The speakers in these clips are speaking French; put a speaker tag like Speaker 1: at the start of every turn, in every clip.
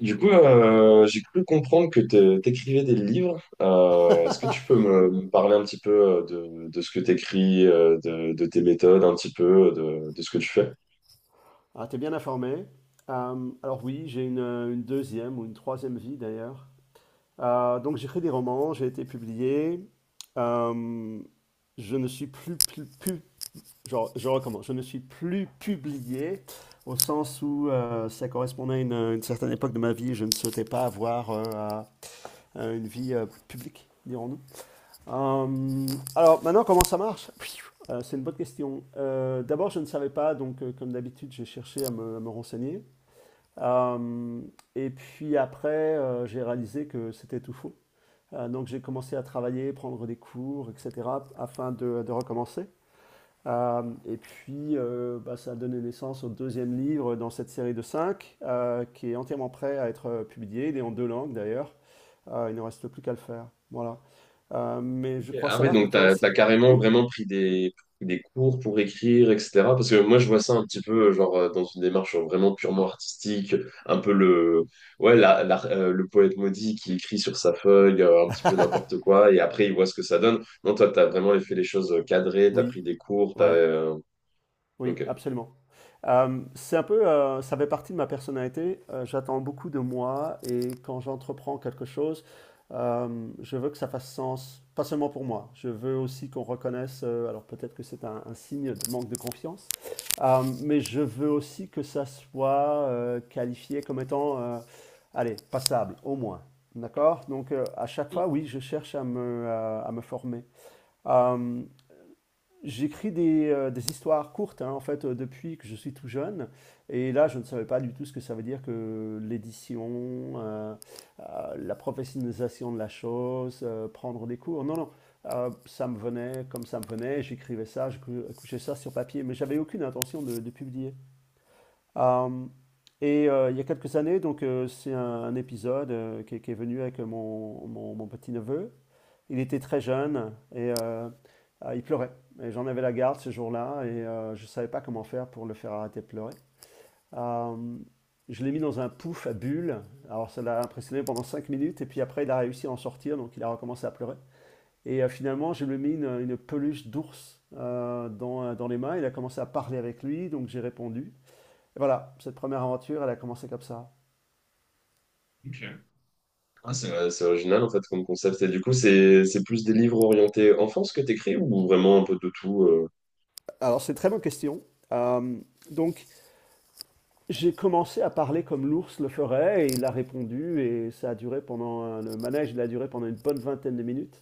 Speaker 1: J'ai cru comprendre que tu t'écrivais des livres. Est-ce que tu peux me parler un petit peu de ce que t'écris, de tes méthodes, un petit peu, de ce que tu fais?
Speaker 2: Ah, t'es bien informé. Alors oui, j'ai une deuxième ou une troisième vie d'ailleurs. Donc j'écris des romans, j'ai été publié. Euh, je ne suis plus, plus, plus- Genre, je recommence, je ne suis plus publié au sens où ça correspondait à une certaine époque de ma vie. Je ne souhaitais pas avoir à une vie publique, dirons-nous. Euh, alors maintenant, comment ça marche? C'est une bonne question. D'abord, je ne savais pas, donc comme d'habitude, j'ai cherché à me renseigner. Euh, et puis après, j'ai réalisé que c'était tout faux. Donc j'ai commencé à travailler, prendre des cours, etc., afin de recommencer. Et puis, bah, ça a donné naissance au deuxième livre dans cette série de cinq, qui est entièrement prêt à être publié. Il est en deux langues d'ailleurs. Il ne reste plus qu'à le faire. Voilà. Mais
Speaker 1: Ok.
Speaker 2: je crois
Speaker 1: Ah ouais,
Speaker 2: savoir que
Speaker 1: donc
Speaker 2: toi
Speaker 1: t'as
Speaker 2: aussi.
Speaker 1: carrément
Speaker 2: Oui?
Speaker 1: vraiment pris des cours pour écrire, etc. Parce que moi, je vois ça un petit peu, genre, dans une démarche vraiment purement artistique, un peu le, ouais, le poète maudit qui écrit sur sa feuille, un petit peu n'importe quoi, et après, il voit ce que ça donne. Non, toi, t'as vraiment fait les choses cadrées, t'as
Speaker 2: Oui,
Speaker 1: pris des cours, t'as,
Speaker 2: ouais.
Speaker 1: euh,
Speaker 2: Oui,
Speaker 1: Ok.
Speaker 2: absolument. C'est un peu, ça fait partie de ma personnalité. J'attends beaucoup de moi et quand j'entreprends quelque chose, je veux que ça fasse sens, pas seulement pour moi. Je veux aussi qu'on reconnaisse, alors peut-être que c'est un signe de manque de confiance, mais je veux aussi que ça soit qualifié comme étant, allez, passable, au moins. D'accord? Donc à chaque fois, oui, je cherche à me former. Euh, J'écris des histoires courtes, hein, en fait, depuis que je suis tout jeune. Et là, je ne savais pas du tout ce que ça veut dire que l'édition, la professionnalisation de la chose, prendre des cours. Non, non. Ça me venait comme ça me venait. J'écrivais ça, couchais ça sur papier, mais j'avais aucune intention de publier. Euh, il y a quelques années, donc c'est un épisode qui est venu avec mon petit-neveu. Il était très jeune et il pleurait. Et j'en avais la garde ce jour-là et je ne savais pas comment faire pour le faire arrêter de pleurer. Euh, je l'ai mis dans un pouf à bulles. Alors ça l'a impressionné pendant 5 minutes et puis après il a réussi à en sortir, donc il a recommencé à pleurer. Et finalement je lui ai mis une peluche d'ours dans les mains. Il a commencé à parler avec lui, donc j'ai répondu. Et voilà, cette première aventure, elle a commencé comme ça.
Speaker 1: Ah, c'est original en fait comme concept. Et du coup, c'est plus des livres orientés enfance que t'écris ou vraiment un peu de tout.
Speaker 2: Alors c'est une très bonne question. Euh, donc J'ai commencé à parler comme l'ours le ferait et il a répondu, et ça a duré pendant le manège, il a duré pendant une bonne vingtaine de minutes.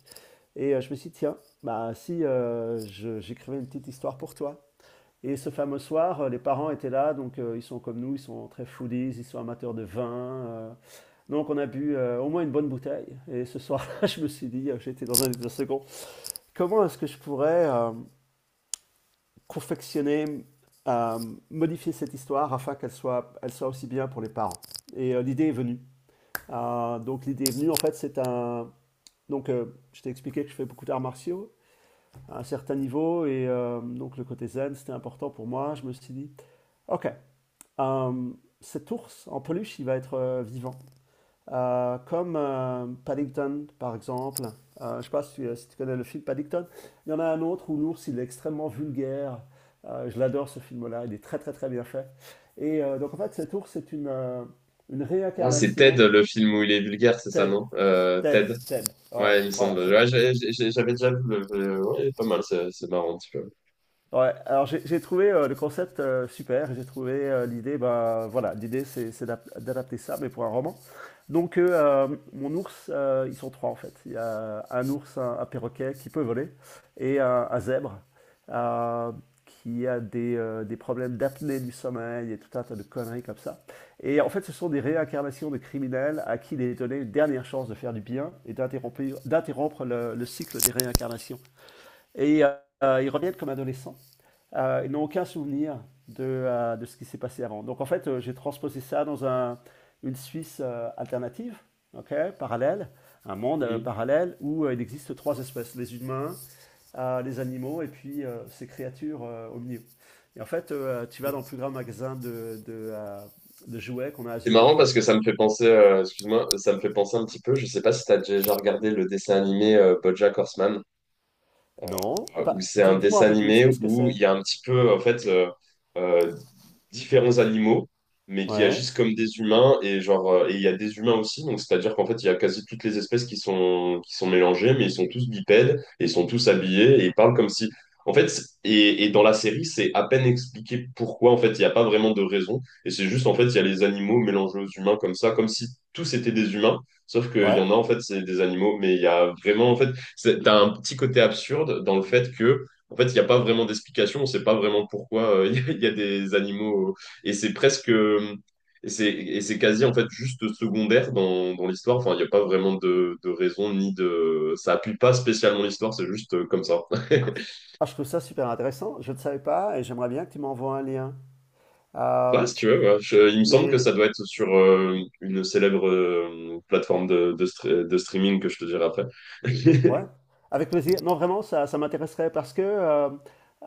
Speaker 2: Et je me suis dit, tiens, bah si j'écrivais une petite histoire pour toi. Et ce fameux soir, les parents étaient là, donc ils sont comme nous, ils sont très foodies, ils sont amateurs de vin. euh, donc on a bu au moins une bonne bouteille. Et ce soir-là, je me suis dit, j'étais dans un second, comment est-ce que je pourrais confectionner, euh, modifier cette histoire afin qu'elle soit aussi bien pour les parents. Et l'idée est venue. Donc l'idée est venue, en fait, Donc je t'ai expliqué que je fais beaucoup d'arts martiaux à un certain niveau, et donc le côté zen, c'était important pour moi. Je me suis dit, ok, euh, cet ours en peluche, il va être vivant comme Paddington, par exemple. Je ne sais pas si tu connais le film Paddington. Il y en a un autre où l'ours, il est extrêmement vulgaire. Je l'adore ce film-là, il est très très très bien fait. Et donc en fait, cet ours, c'est une
Speaker 1: Ah, c'est Ted,
Speaker 2: réincarnation.
Speaker 1: le film où il est vulgaire, c'est ça,
Speaker 2: Ted,
Speaker 1: non?
Speaker 2: Ted,
Speaker 1: Ted.
Speaker 2: Ted. Ouais,
Speaker 1: Ouais, il me
Speaker 2: voilà.
Speaker 1: semble. Ouais, j'avais déjà vu. Ouais, pas mal, c'est marrant un petit peu.
Speaker 2: Ouais, alors j'ai trouvé le concept super, j'ai trouvé l'idée, bah voilà, l'idée c'est d'adapter ça, mais pour un roman. Donc, mon ours, ils sont trois en fait. Il y a un ours, un perroquet qui peut voler et un zèbre euh, qui a des problèmes d'apnée du sommeil et tout un tas de conneries comme ça. Et en fait, ce sont des réincarnations de criminels à qui il est donné une dernière chance de faire du bien et d'interrompre le cycle des réincarnations. Et ils reviennent comme adolescents. Ils n'ont aucun souvenir de ce qui s'est passé avant. Donc en fait, j'ai transposé ça dans une Suisse alternative, ok, parallèle, un monde
Speaker 1: Mhm.
Speaker 2: parallèle où il existe trois espèces, les humains, les animaux et puis ces créatures omnivores. Et en fait, tu vas dans le plus grand magasin de jouets qu'on a à
Speaker 1: C'est marrant
Speaker 2: Zurich.
Speaker 1: parce que ça me fait penser, excuse-moi, ça me fait penser un petit peu. Je sais pas si t'as déjà regardé le dessin animé BoJack Horseman.
Speaker 2: Non,
Speaker 1: Où
Speaker 2: pas...
Speaker 1: c'est
Speaker 2: dis,
Speaker 1: un
Speaker 2: moi un
Speaker 1: dessin
Speaker 2: peu plus,
Speaker 1: animé
Speaker 2: qu'est-ce que
Speaker 1: où il
Speaker 2: c'est?
Speaker 1: y a un petit peu, en fait, euh, différents animaux, mais qui
Speaker 2: Ouais,
Speaker 1: agissent comme des humains, et genre, et il y a des humains aussi, donc c'est-à-dire qu'en fait, il y a quasi toutes les espèces qui sont mélangées, mais ils sont tous bipèdes, et ils sont tous habillés, et ils parlent comme si... En fait, et dans la série, c'est à peine expliqué pourquoi, en fait, il n'y a pas vraiment de raison, et c'est juste, en fait, il y a les animaux mélangés aux humains comme ça, comme si tous étaient des humains, sauf qu'il y
Speaker 2: ouais.
Speaker 1: en a, en fait, c'est des animaux, mais il y a vraiment, en fait, c'est, t'as un petit côté absurde dans le fait que, en fait, il n'y a pas vraiment d'explication, on ne sait pas vraiment pourquoi il des animaux. Et c'est presque. Et c'est quasi en fait juste secondaire dans, dans l'histoire. Enfin, il n'y a pas vraiment de raison ni de. Ça appuie pas spécialement l'histoire, c'est juste comme ça.
Speaker 2: Ah, je trouve ça super intéressant, je ne savais pas et j'aimerais bien que tu m'envoies un lien.
Speaker 1: Ouais,
Speaker 2: Euh,
Speaker 1: si tu veux, ouais. Il me semble que ça
Speaker 2: mais
Speaker 1: doit être sur une célèbre plateforme de, de streaming que je te dirai après.
Speaker 2: Ouais, avec plaisir. Non, vraiment, ça m'intéresserait parce que,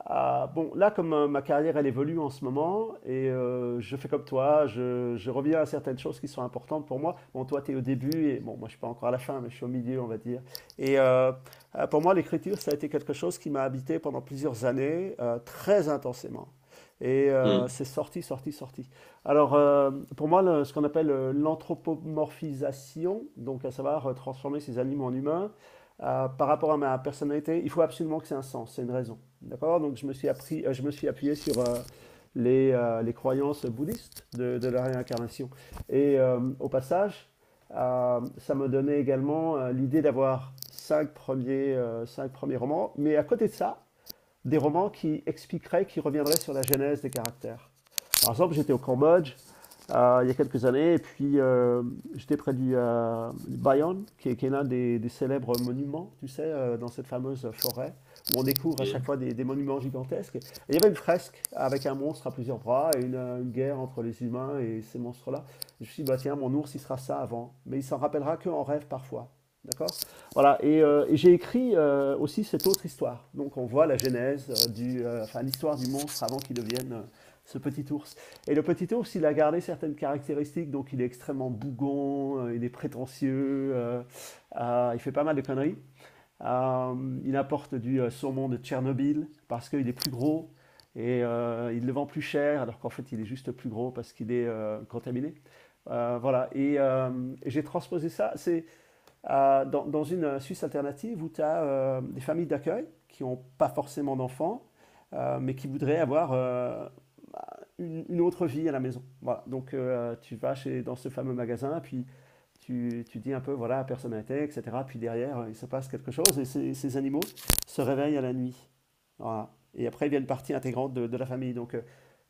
Speaker 2: ah, bon, là, comme ma carrière, elle évolue en ce moment, et je fais comme toi, je reviens à certaines choses qui sont importantes pour moi. Bon, toi, tu es au début, et bon, moi, je suis pas encore à la fin, mais je suis au milieu, on va dire. Et pour moi, l'écriture, ça a été quelque chose qui m'a habité pendant plusieurs années, très intensément. Et
Speaker 1: Hmm,
Speaker 2: c'est sorti, sorti, sorti. Alors, pour moi, ce qu'on appelle l'anthropomorphisation, donc à savoir transformer ces animaux en humains, par rapport à ma personnalité, il faut absolument que c'est un sens, c'est une raison. D'accord. Donc je me suis appuyé sur les croyances bouddhistes de la réincarnation. Et au passage, ça me donnait également l'idée d'avoir cinq premiers romans. Mais à côté de ça, des romans qui expliqueraient, qui reviendraient sur la genèse des caractères. Par exemple, j'étais au Cambodge il y a quelques années, et puis j'étais près du Bayon, qui est l'un des célèbres monuments, tu sais, dans cette fameuse forêt, où on découvre à chaque
Speaker 1: hmm,
Speaker 2: fois des monuments gigantesques. Et il y avait une fresque avec un monstre à plusieurs bras et une guerre entre les humains et ces monstres-là. Je me suis dit, bah tiens, mon ours, il sera ça avant, mais il s'en rappellera qu'en rêve parfois. D'accord. Voilà, et j'ai écrit aussi cette autre histoire. Donc on voit la genèse, enfin l'histoire du monstre avant qu'il devienne ce petit ours. Et le petit ours, il a gardé certaines caractéristiques, donc il est extrêmement bougon, il est prétentieux, il fait pas mal de conneries. Il apporte du saumon de Tchernobyl parce qu'il est plus gros, et il le vend plus cher, alors qu'en fait il est juste plus gros parce qu'il est contaminé. Voilà, et j'ai transposé ça. C'est dans une Suisse alternative où tu as des familles d'accueil qui n'ont pas forcément d'enfants, mais qui voudraient avoir bah, autre vie à la maison. Voilà. Donc tu vas chez, dans ce fameux magasin, puis tu dis un peu, voilà, personne n'a été, etc. Puis derrière, il se passe quelque chose et ces animaux se réveillent à la nuit. Voilà. Et après, ils viennent partie intégrante de la famille. Donc,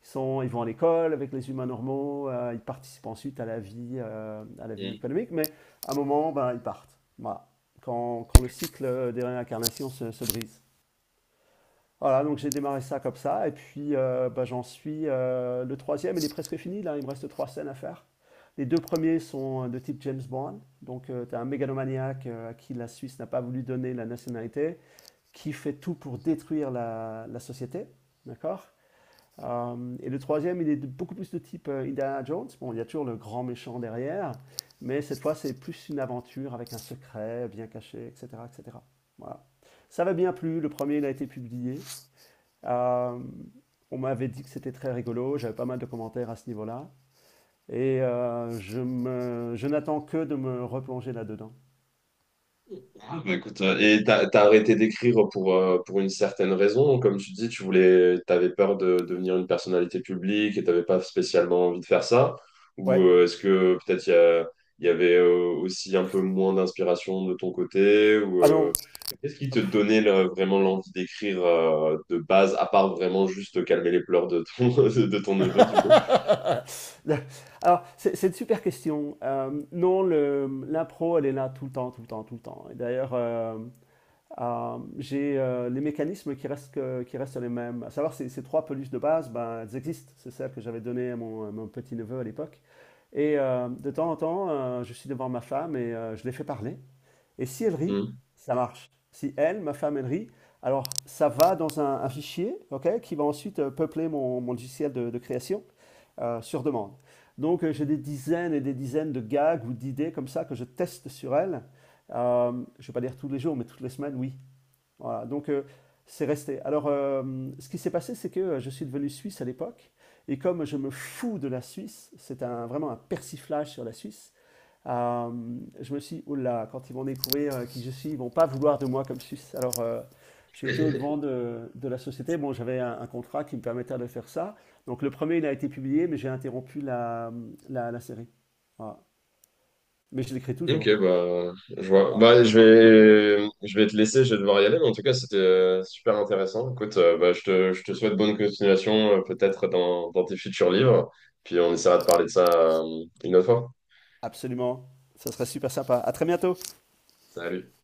Speaker 2: ils vont à l'école avec les humains normaux, ils participent ensuite à la vie économique, mais à un moment, ben, ils partent. Voilà. Quand,
Speaker 1: hmm.
Speaker 2: quand le cycle des réincarnations se brise. Voilà, donc j'ai démarré ça comme ça, et puis ben, j'en suis le troisième, il est presque fini, là, il me reste trois scènes à faire. Les deux premiers sont de type James Bond, donc tu as un mégalomaniaque à qui la Suisse n'a pas voulu donner la nationalité, qui fait tout pour détruire la société, d'accord, et le troisième, il est beaucoup plus de type Indiana Jones. Bon, il y a toujours le grand méchant derrière, mais cette fois, c'est plus une aventure avec un secret bien caché, etc., etc. Voilà. Ça m'a bien plu. Le premier, il a été publié. Euh, on m'avait dit que c'était très rigolo. J'avais pas mal de commentaires à ce niveau-là. Et je n'attends que de me replonger là-dedans.
Speaker 1: Ah, bah écoute, et t'as arrêté d'écrire pour une certaine raison, comme tu dis, tu voulais, t'avais peur de devenir une personnalité publique et t'avais pas spécialement envie de faire ça, ou
Speaker 2: Ouais.
Speaker 1: est-ce que peut-être il y avait aussi un peu moins d'inspiration de ton côté, ou
Speaker 2: Ah non.
Speaker 1: qu'est-ce qui te donnait vraiment l'envie d'écrire de base, à part vraiment juste calmer les pleurs de ton, de ton neveu, du coup?
Speaker 2: Alors, c'est une super question. Non, l'impro, elle est là tout le temps, tout le temps, tout le temps. Et d'ailleurs, j'ai les mécanismes qui restent, qui restent les mêmes. À savoir, ces trois peluches de base, ben, elles existent. C'est celles que j'avais données à mon petit-neveu à l'époque. Et de temps en temps, je suis devant ma femme et je les fais parler. Et si elle rit,
Speaker 1: Hmm.
Speaker 2: ça marche. Si elle, ma femme, elle rit, alors ça va dans un fichier ok, qui va ensuite peupler mon logiciel de création sur demande. Donc j'ai des dizaines et des dizaines de gags ou d'idées comme ça que je teste sur elle. Euh, je ne vais pas dire tous les jours, mais toutes les semaines, oui. Voilà, donc c'est resté. Alors, ce qui s'est passé, c'est que je suis devenu suisse à l'époque, et comme je me fous de la Suisse, c'est vraiment un persiflage sur la Suisse, euh, je me suis dit, oh là, quand ils vont découvrir qui je suis, ils ne vont pas vouloir de moi comme Suisse. Alors, j'ai été au-devant de la société. Bon, j'avais un contrat qui me permettait de faire ça. Donc, le premier, il a été publié, mais j'ai interrompu la série. Voilà. Mais je l'écris
Speaker 1: Ok,
Speaker 2: toujours.
Speaker 1: bah, je vois.
Speaker 2: Voilà.
Speaker 1: Bah, je vais te laisser, je vais devoir y aller, mais en tout cas, c'était super intéressant. Écoute, bah, je te souhaite bonne continuation, peut-être dans, dans tes futurs livres, puis on essaiera de parler de ça une autre fois.
Speaker 2: Absolument. Ça serait super sympa. À très bientôt.
Speaker 1: Salut.